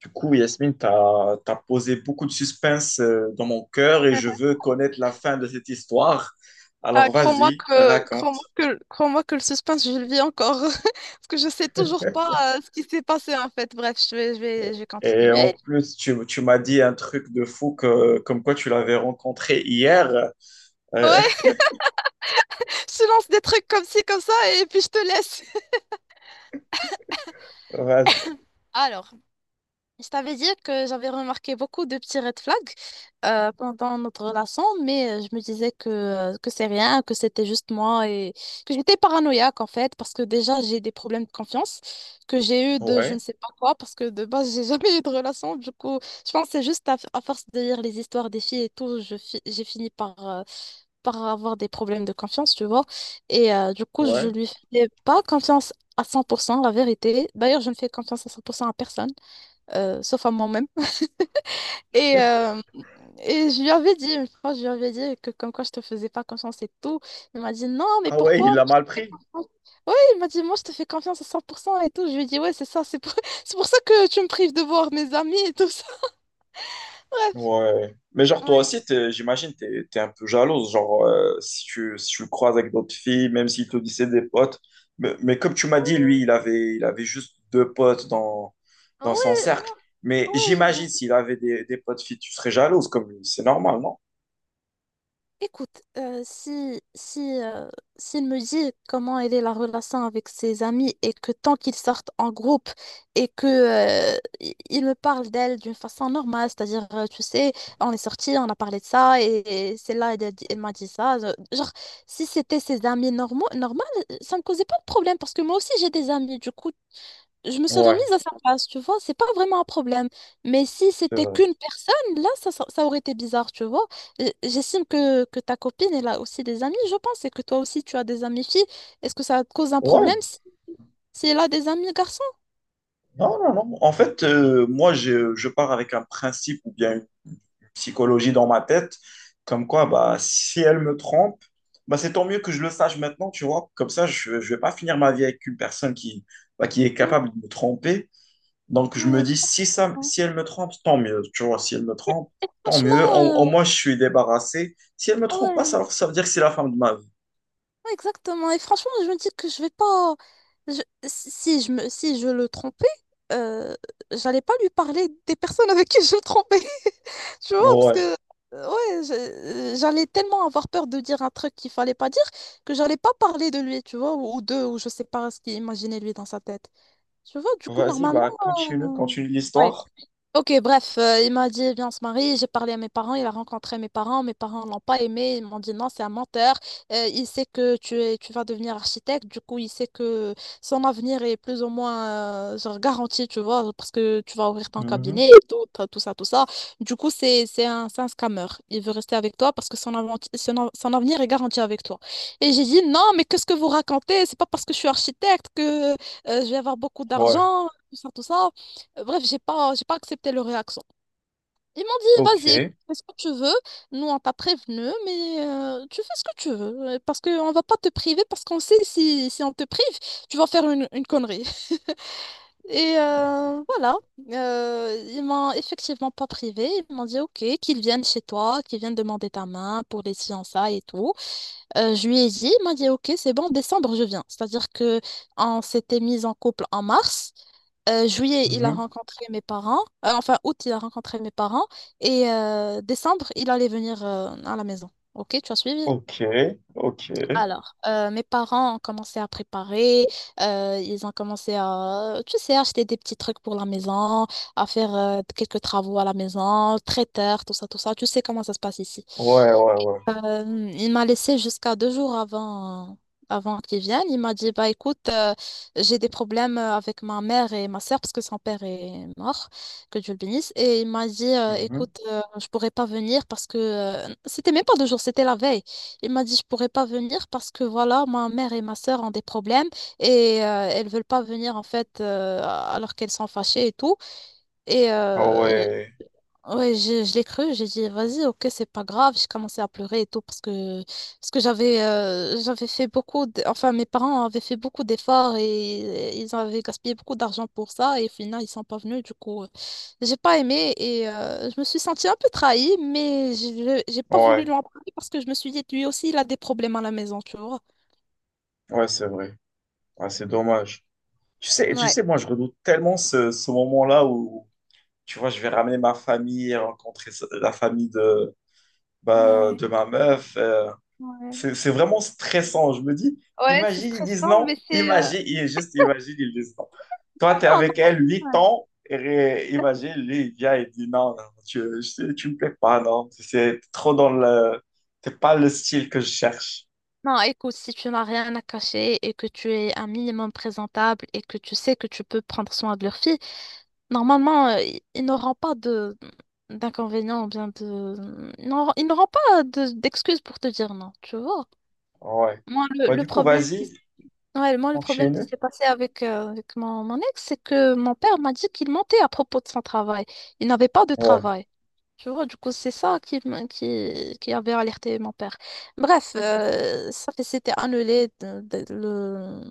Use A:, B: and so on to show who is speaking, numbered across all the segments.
A: Du coup, Yasmine, posé beaucoup de suspense dans mon cœur et je veux connaître la fin de cette histoire.
B: Ah,
A: Alors
B: crois-moi
A: vas-y,
B: que, crois-moi
A: raconte.
B: que, crois-moi que le suspense, je le vis encore. Parce que je sais toujours pas ce qui s'est passé en fait. Bref, je vais
A: Et en
B: continuer.
A: plus, tu m'as dit un truc de fou que, comme quoi tu l'avais rencontré hier. Euh,
B: Ouais, je te lance des trucs comme ci, comme ça, et puis je te laisse.
A: vas-y.
B: Alors. Je t'avais dit que j'avais remarqué beaucoup de petits red flags pendant notre relation, mais je me disais que c'est rien, que c'était juste moi et que j'étais paranoïaque en fait, parce que déjà j'ai des problèmes de confiance que j'ai eu de je ne
A: Ouais,
B: sais pas quoi, parce que de base j'ai jamais eu de relation. Du coup, je pense que c'est juste à force de lire les histoires des filles et tout, j'ai fini par avoir des problèmes de confiance, tu vois. Et du coup, je
A: ouais.
B: lui faisais pas confiance à 100%, la vérité. D'ailleurs, je ne fais confiance à 100% à personne, sauf à moi-même. Et, euh, et je lui avais dit, une fois, je lui avais dit que comme quoi je te faisais pas confiance et tout. Il m'a dit, non, mais
A: Ah ouais, il
B: pourquoi?
A: l'a mal pris.
B: Oui, il m'a dit, moi, je te fais confiance à 100% et tout. Je lui ai dit, ouais, c'est ça, c'est pour ça que tu me prives de voir mes amis et tout ça. Bref,
A: Ouais. Mais genre, toi
B: ouais.
A: aussi, j'imagine, t'es un peu jalouse. Genre, si si tu le croises avec d'autres filles, même s'il te dit c'est des potes. Mais comme tu m'as dit, lui, il avait juste deux potes dans, dans son
B: Ouais,
A: cercle. Mais
B: moi- ouais,
A: j'imagine, s'il avait des potes filles, tu serais jalouse, comme lui. C'est normal, non?
B: écoute, si, si, s'il me dit comment elle est la relation avec ses amis et que tant qu'ils sortent en groupe et que, il me parle d'elle d'une façon normale, c'est-à-dire, tu sais, on est sortis, on a parlé de ça et c'est là, elle m'a dit ça. Genre, si c'était ses amis normaux, normal, ça me causait pas de problème parce que moi aussi j'ai des amis, du coup, je me serais
A: Ouais,
B: mise à sa place, tu vois, c'est pas vraiment un problème. Mais si
A: c'est
B: c'était
A: vrai.
B: qu'une personne, là, ça aurait été bizarre, tu vois. J'estime que ta copine, elle a aussi des amis, je pense, et que toi aussi, tu as des amis filles. Est-ce que ça te cause un problème
A: Ouais.
B: si, si elle a des amis garçons?
A: Non, non, non. En fait, moi, je pars avec un principe ou bien une psychologie dans ma tête, comme quoi, bah, si elle me trompe, bah, c'est tant mieux que je le sache maintenant, tu vois. Comme ça, je ne vais pas finir ma vie avec une personne qui, bah, qui est
B: Ouais,
A: capable de me tromper. Donc, je
B: ouais,
A: me dis,
B: exactement.
A: si elle me trompe, tant mieux, tu vois. Si elle me
B: Et,
A: trompe,
B: et
A: tant mieux. Au,
B: franchement,
A: au moins, je suis débarrassé. Si elle me trompe pas,
B: ouais,
A: ça veut dire que c'est la fin de ma vie.
B: ouais, exactement. Et franchement, je me dis que je vais pas. je- si je le trompais, euh, j'allais pas lui parler des personnes avec qui je le trompais. Tu vois, parce que
A: Ouais.
B: ouais, j'allais tellement avoir peur de dire un truc qu'il fallait pas dire que j'allais pas parler de lui, tu vois, ou d'eux, ou je sais pas ce qu'il imaginait lui dans sa tête. Tu vois, du coup,
A: Vas-y,
B: normalement.
A: bah,
B: euh,
A: continue
B: ouais.
A: l'histoire.
B: Ok, bref, il m'a dit, viens, on se marie. J'ai parlé à mes parents, il a rencontré mes parents. Mes parents l'ont pas aimé. Ils m'ont dit, non, c'est un menteur. Il sait que tu es, tu vas devenir architecte. Du coup, il sait que son avenir est plus ou moins genre garanti, tu vois, parce que tu vas ouvrir ton
A: Mhm.
B: cabinet et tout, t'as tout ça, tout ça. Du coup, c'est un scammer. Il veut rester avec toi parce que son, avanti- son, av- son avenir est garanti avec toi. Et j'ai dit, non, mais qu'est-ce que vous racontez? C'est pas parce que je suis architecte que je vais avoir beaucoup
A: Ouais.
B: d'argent, tout ça, tout ça. Bref, j'ai pas accepté leur réaction. Ils m'ont dit,
A: Ok.
B: vas-y, fais ce que tu veux. Nous, on t'a prévenu, mais tu fais ce que tu veux. Parce qu'on va pas te priver, parce qu'on sait si, si on te prive, tu vas faire une connerie. Et voilà. Ils m'ont effectivement pas privé. Ils m'ont dit, ok, qu'ils viennent chez toi, qu'ils viennent demander ta main pour les fiançailles et tout. Je lui ai dit, il m'a dit, ok, c'est bon, en décembre, je viens. C'est-à-dire que on s'était mis en couple en mars. Juillet, il a
A: Mhm.
B: rencontré mes parents. Enfin, août, il a rencontré mes parents. Et décembre, il allait venir à la maison. Ok, tu as suivi?
A: Ok, ok.
B: Alors, mes parents ont commencé à préparer, ils ont commencé à, tu sais, acheter des petits trucs pour la maison, à faire quelques travaux à la maison, traiteur, tout ça, tout ça. Tu sais comment ça se passe ici.
A: Ouais, ouais, ouais.
B: Il m'a laissé jusqu'à deux jours avant, avant qu'il vienne. Il m'a dit, bah écoute, j'ai des problèmes avec ma mère et ma sœur parce que son père est mort, que Dieu le bénisse. Et il m'a dit,
A: Mhm.
B: écoute, je pourrais pas venir parce que c'était même pas deux jours, c'était la veille. Il m'a dit, je pourrais pas venir parce que voilà, ma mère et ma sœur ont des problèmes et elles veulent pas venir en fait alors qu'elles sont fâchées et tout. Et
A: Ah
B: euh,
A: ouais,
B: Ouais, je l'ai cru, j'ai dit vas-y, ok, c'est pas grave. J'ai commencé à pleurer et tout parce que j'avais fait beaucoup, enfin mes parents avaient fait beaucoup d'efforts et, ils avaient gaspillé beaucoup d'argent pour ça et au final ils sont pas venus. Du coup, j'ai pas aimé et je me suis sentie un peu trahie, mais j'ai pas voulu
A: ouais,
B: lui en parler parce que je me suis dit lui aussi il a des problèmes à la maison, tu vois.
A: ouais, c'est vrai. Ouais, c'est dommage. Tu
B: Ouais,
A: sais, moi, je redoute tellement ce moment-là où, tu vois, je vais ramener ma famille, rencontrer la famille de, bah,
B: ouais,
A: de ma meuf.
B: ouais.
A: C'est vraiment stressant. Je me dis,
B: Ouais, c'est
A: imagine, ils disent
B: stressant, mais
A: non. Imagine, il est juste imagine, ils disent non. Toi, tu es
B: non,
A: avec
B: non.
A: elle 8 ans. Et imagine, lui, il vient et dit non, non, tu me plais pas, non. C'est trop dans le. C'est pas le style que je cherche.
B: Non, écoute, si tu n'as rien à cacher et que tu es un minimum présentable et que tu sais que tu peux prendre soin de leur fille, normalement, ils n'auront pas de d'inconvénients ou bien de... Ils n'auront pas d'excuses pour te dire non, tu vois.
A: Ouais.
B: Moi,
A: Bah,
B: le
A: du coup,
B: problème qui...
A: vas-y,
B: s- Ouais, moi, le problème qui
A: continue.
B: s'est passé avec, avec mon ex, c'est que mon père m'a dit qu'il mentait à propos de son travail. Il n'avait pas de
A: Ouais.
B: travail. Tu vois, du coup, c'est ça qui, qui avait alerté mon père. Bref, ça fait, c'était annulé. de- de- le,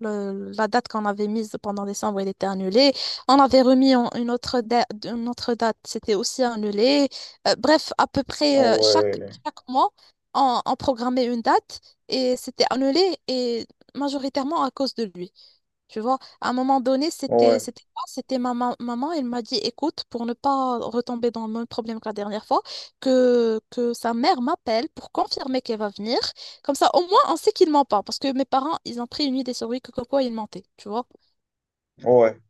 B: le- la date qu'on avait mise pendant décembre, elle était annulée. On avait remis une autre, une autre date, c'était aussi annulé. Bref, à peu
A: Ah
B: près chaque,
A: ouais.
B: chaque mois, on programmait une date et c'était annulé et majoritairement à cause de lui. Tu vois, à un moment donné, c'était
A: Ouais.
B: c'était moi, c'était maman, elle m'a dit, écoute, pour ne pas retomber dans le même problème que la dernière fois, que sa mère m'appelle pour confirmer qu'elle va venir. Comme ça, au moins, on sait qu'il ment pas. Parce que mes parents, ils ont pris une idée sur lui que comme quoi il mentait, tu vois.
A: Ouais.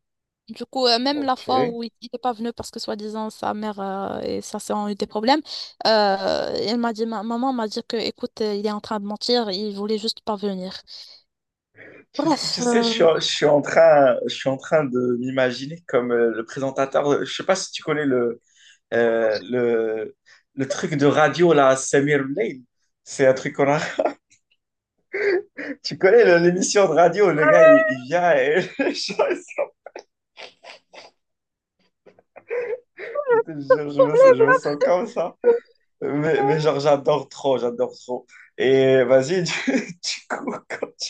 B: Du coup, même la
A: Ok.
B: fois où il n'était pas venu parce que soi-disant sa mère et sa sœur ont eu des problèmes, elle m'a dit, ma maman m'a dit que, écoute, il est en train de mentir, il voulait juste pas venir. Bref,
A: Tu sais,
B: euh,
A: je suis en train de m'imaginer comme le présentateur. Je sais pas si tu connais le Euh, le, le truc de radio, là, Samir Lane, c'est un truc qu'on a. Tu connais l'émission de radio, le gars, il vient et. Je te jure, je me sens comme ça. Mais genre, j'adore trop. Et vas-y, du coup.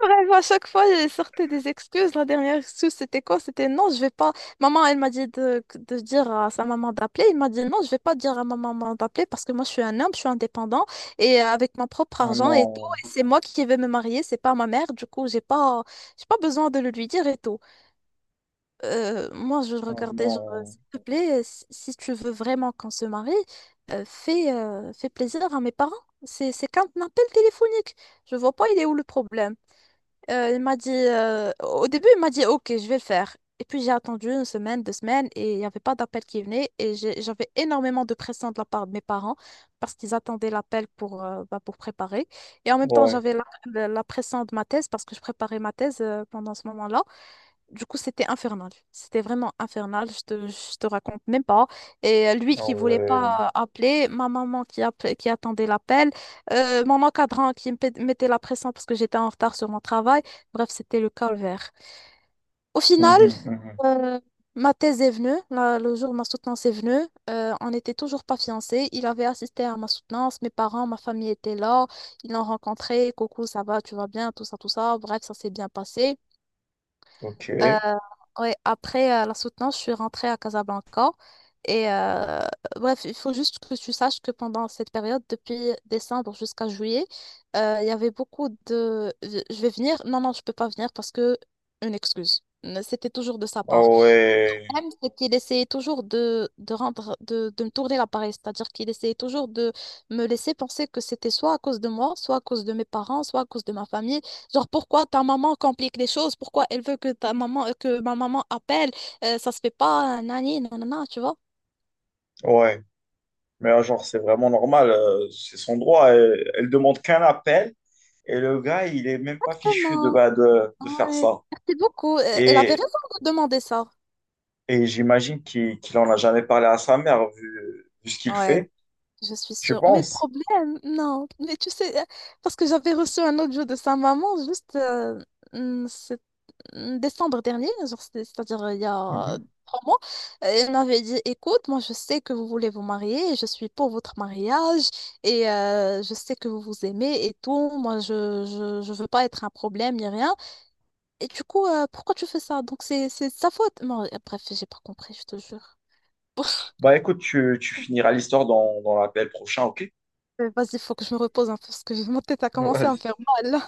B: Bref, à chaque fois, elle sortait des excuses. La dernière excuse, c'était quoi? C'était non, je vais pas. Maman, elle m'a dit de, dire à sa maman d'appeler. Il m'a dit non, je vais pas dire à ma maman d'appeler parce que moi, je suis un homme, je suis indépendant et avec mon propre
A: Ah
B: argent et tout.
A: non,
B: Et c'est moi qui vais me marier, c'est pas ma mère. Du coup, j'ai pas besoin de le lui dire et tout. Moi, je le
A: ah
B: regardais, genre,
A: non.
B: s'il te plaît, si tu veux vraiment qu'on se marie, fais, fais plaisir à mes parents. C'est qu'un appel téléphonique. Je vois pas, il est où le problème. Il m'a dit, au début, il m'a dit, ok, je vais le faire. Et puis j'ai attendu une semaine, deux semaines, et il n'y avait pas d'appel qui venait. Et j'avais énormément de pression de la part de mes parents parce qu'ils attendaient l'appel pour, bah, pour préparer. Et en même temps,
A: Ouais,
B: j'avais la, la pression de ma thèse parce que je préparais ma thèse pendant ce moment-là. Du coup, c'était infernal. C'était vraiment infernal. Je te raconte même pas. Lui
A: ah
B: qui voulait
A: ouais.
B: pas appeler, ma maman qui attendait l'appel, mon encadrant qui me mettait la pression parce que j'étais en retard sur mon travail. Bref, c'était le calvaire. Au final,
A: Mhm, mhm.
B: euh, ma thèse est venue. La- le jour où ma soutenance est venue, on n'était toujours pas fiancés. Il avait assisté à ma soutenance. Mes parents, ma famille étaient là. Ils l'ont rencontré. Coucou, ça va, tu vas bien, tout ça, tout ça. Bref, ça s'est bien passé.
A: Ok.
B: Euh, ouais, après la soutenance, je suis rentrée à Casablanca. Et euh, Bref, il faut juste que tu saches que pendant cette période, depuis décembre jusqu'à juillet, il y avait beaucoup de je vais venir, non, non, je peux pas venir parce que une excuse. C'était toujours de sa
A: Ah
B: part. Le
A: ouais,
B: problème, c'est qu'il essayait toujours de rendre, de me tourner la pareille, c'est-à-dire qu'il essayait toujours de me laisser penser que c'était soit à cause de moi, soit à cause de mes parents, soit à cause de ma famille. Genre, pourquoi ta maman complique les choses? Pourquoi elle veut que ta maman, que ma maman appelle? Ça se fait pas, nani, nanana, tu vois?
A: ouais. Mais genre, c'est vraiment normal, c'est son droit. Elle, elle demande qu'un appel et le gars, il est même pas fichu de,
B: Exactement.
A: bah, de faire
B: Ouais.
A: ça.
B: Merci beaucoup. Elle avait
A: Et,
B: raison de demander ça.
A: et j'imagine qu'il en a jamais parlé à sa mère vu, vu ce qu'il
B: Ouais.
A: fait,
B: Je suis
A: je
B: sûre. Mais le
A: pense.
B: problème, non. Mais tu sais, parce que j'avais reçu un autre jeu de sa maman juste mm, c'est- décembre dernier, genre, c'est-à-dire il y a
A: Mhm.
B: trois mois. Elle m'avait dit, écoute, moi je sais que vous voulez vous marier, je suis pour votre mariage et je sais que vous vous aimez et tout. Moi, je veux pas être un problème ni rien. Et du coup, pourquoi tu fais ça? Donc c'est de sa faute. Moi, bref, j'ai pas compris, je te jure.
A: Bah écoute, tu finiras l'histoire dans, dans l'appel prochain, ok?
B: Vas-y, il faut que je me repose un peu parce que mon tête a commencé à me faire mal.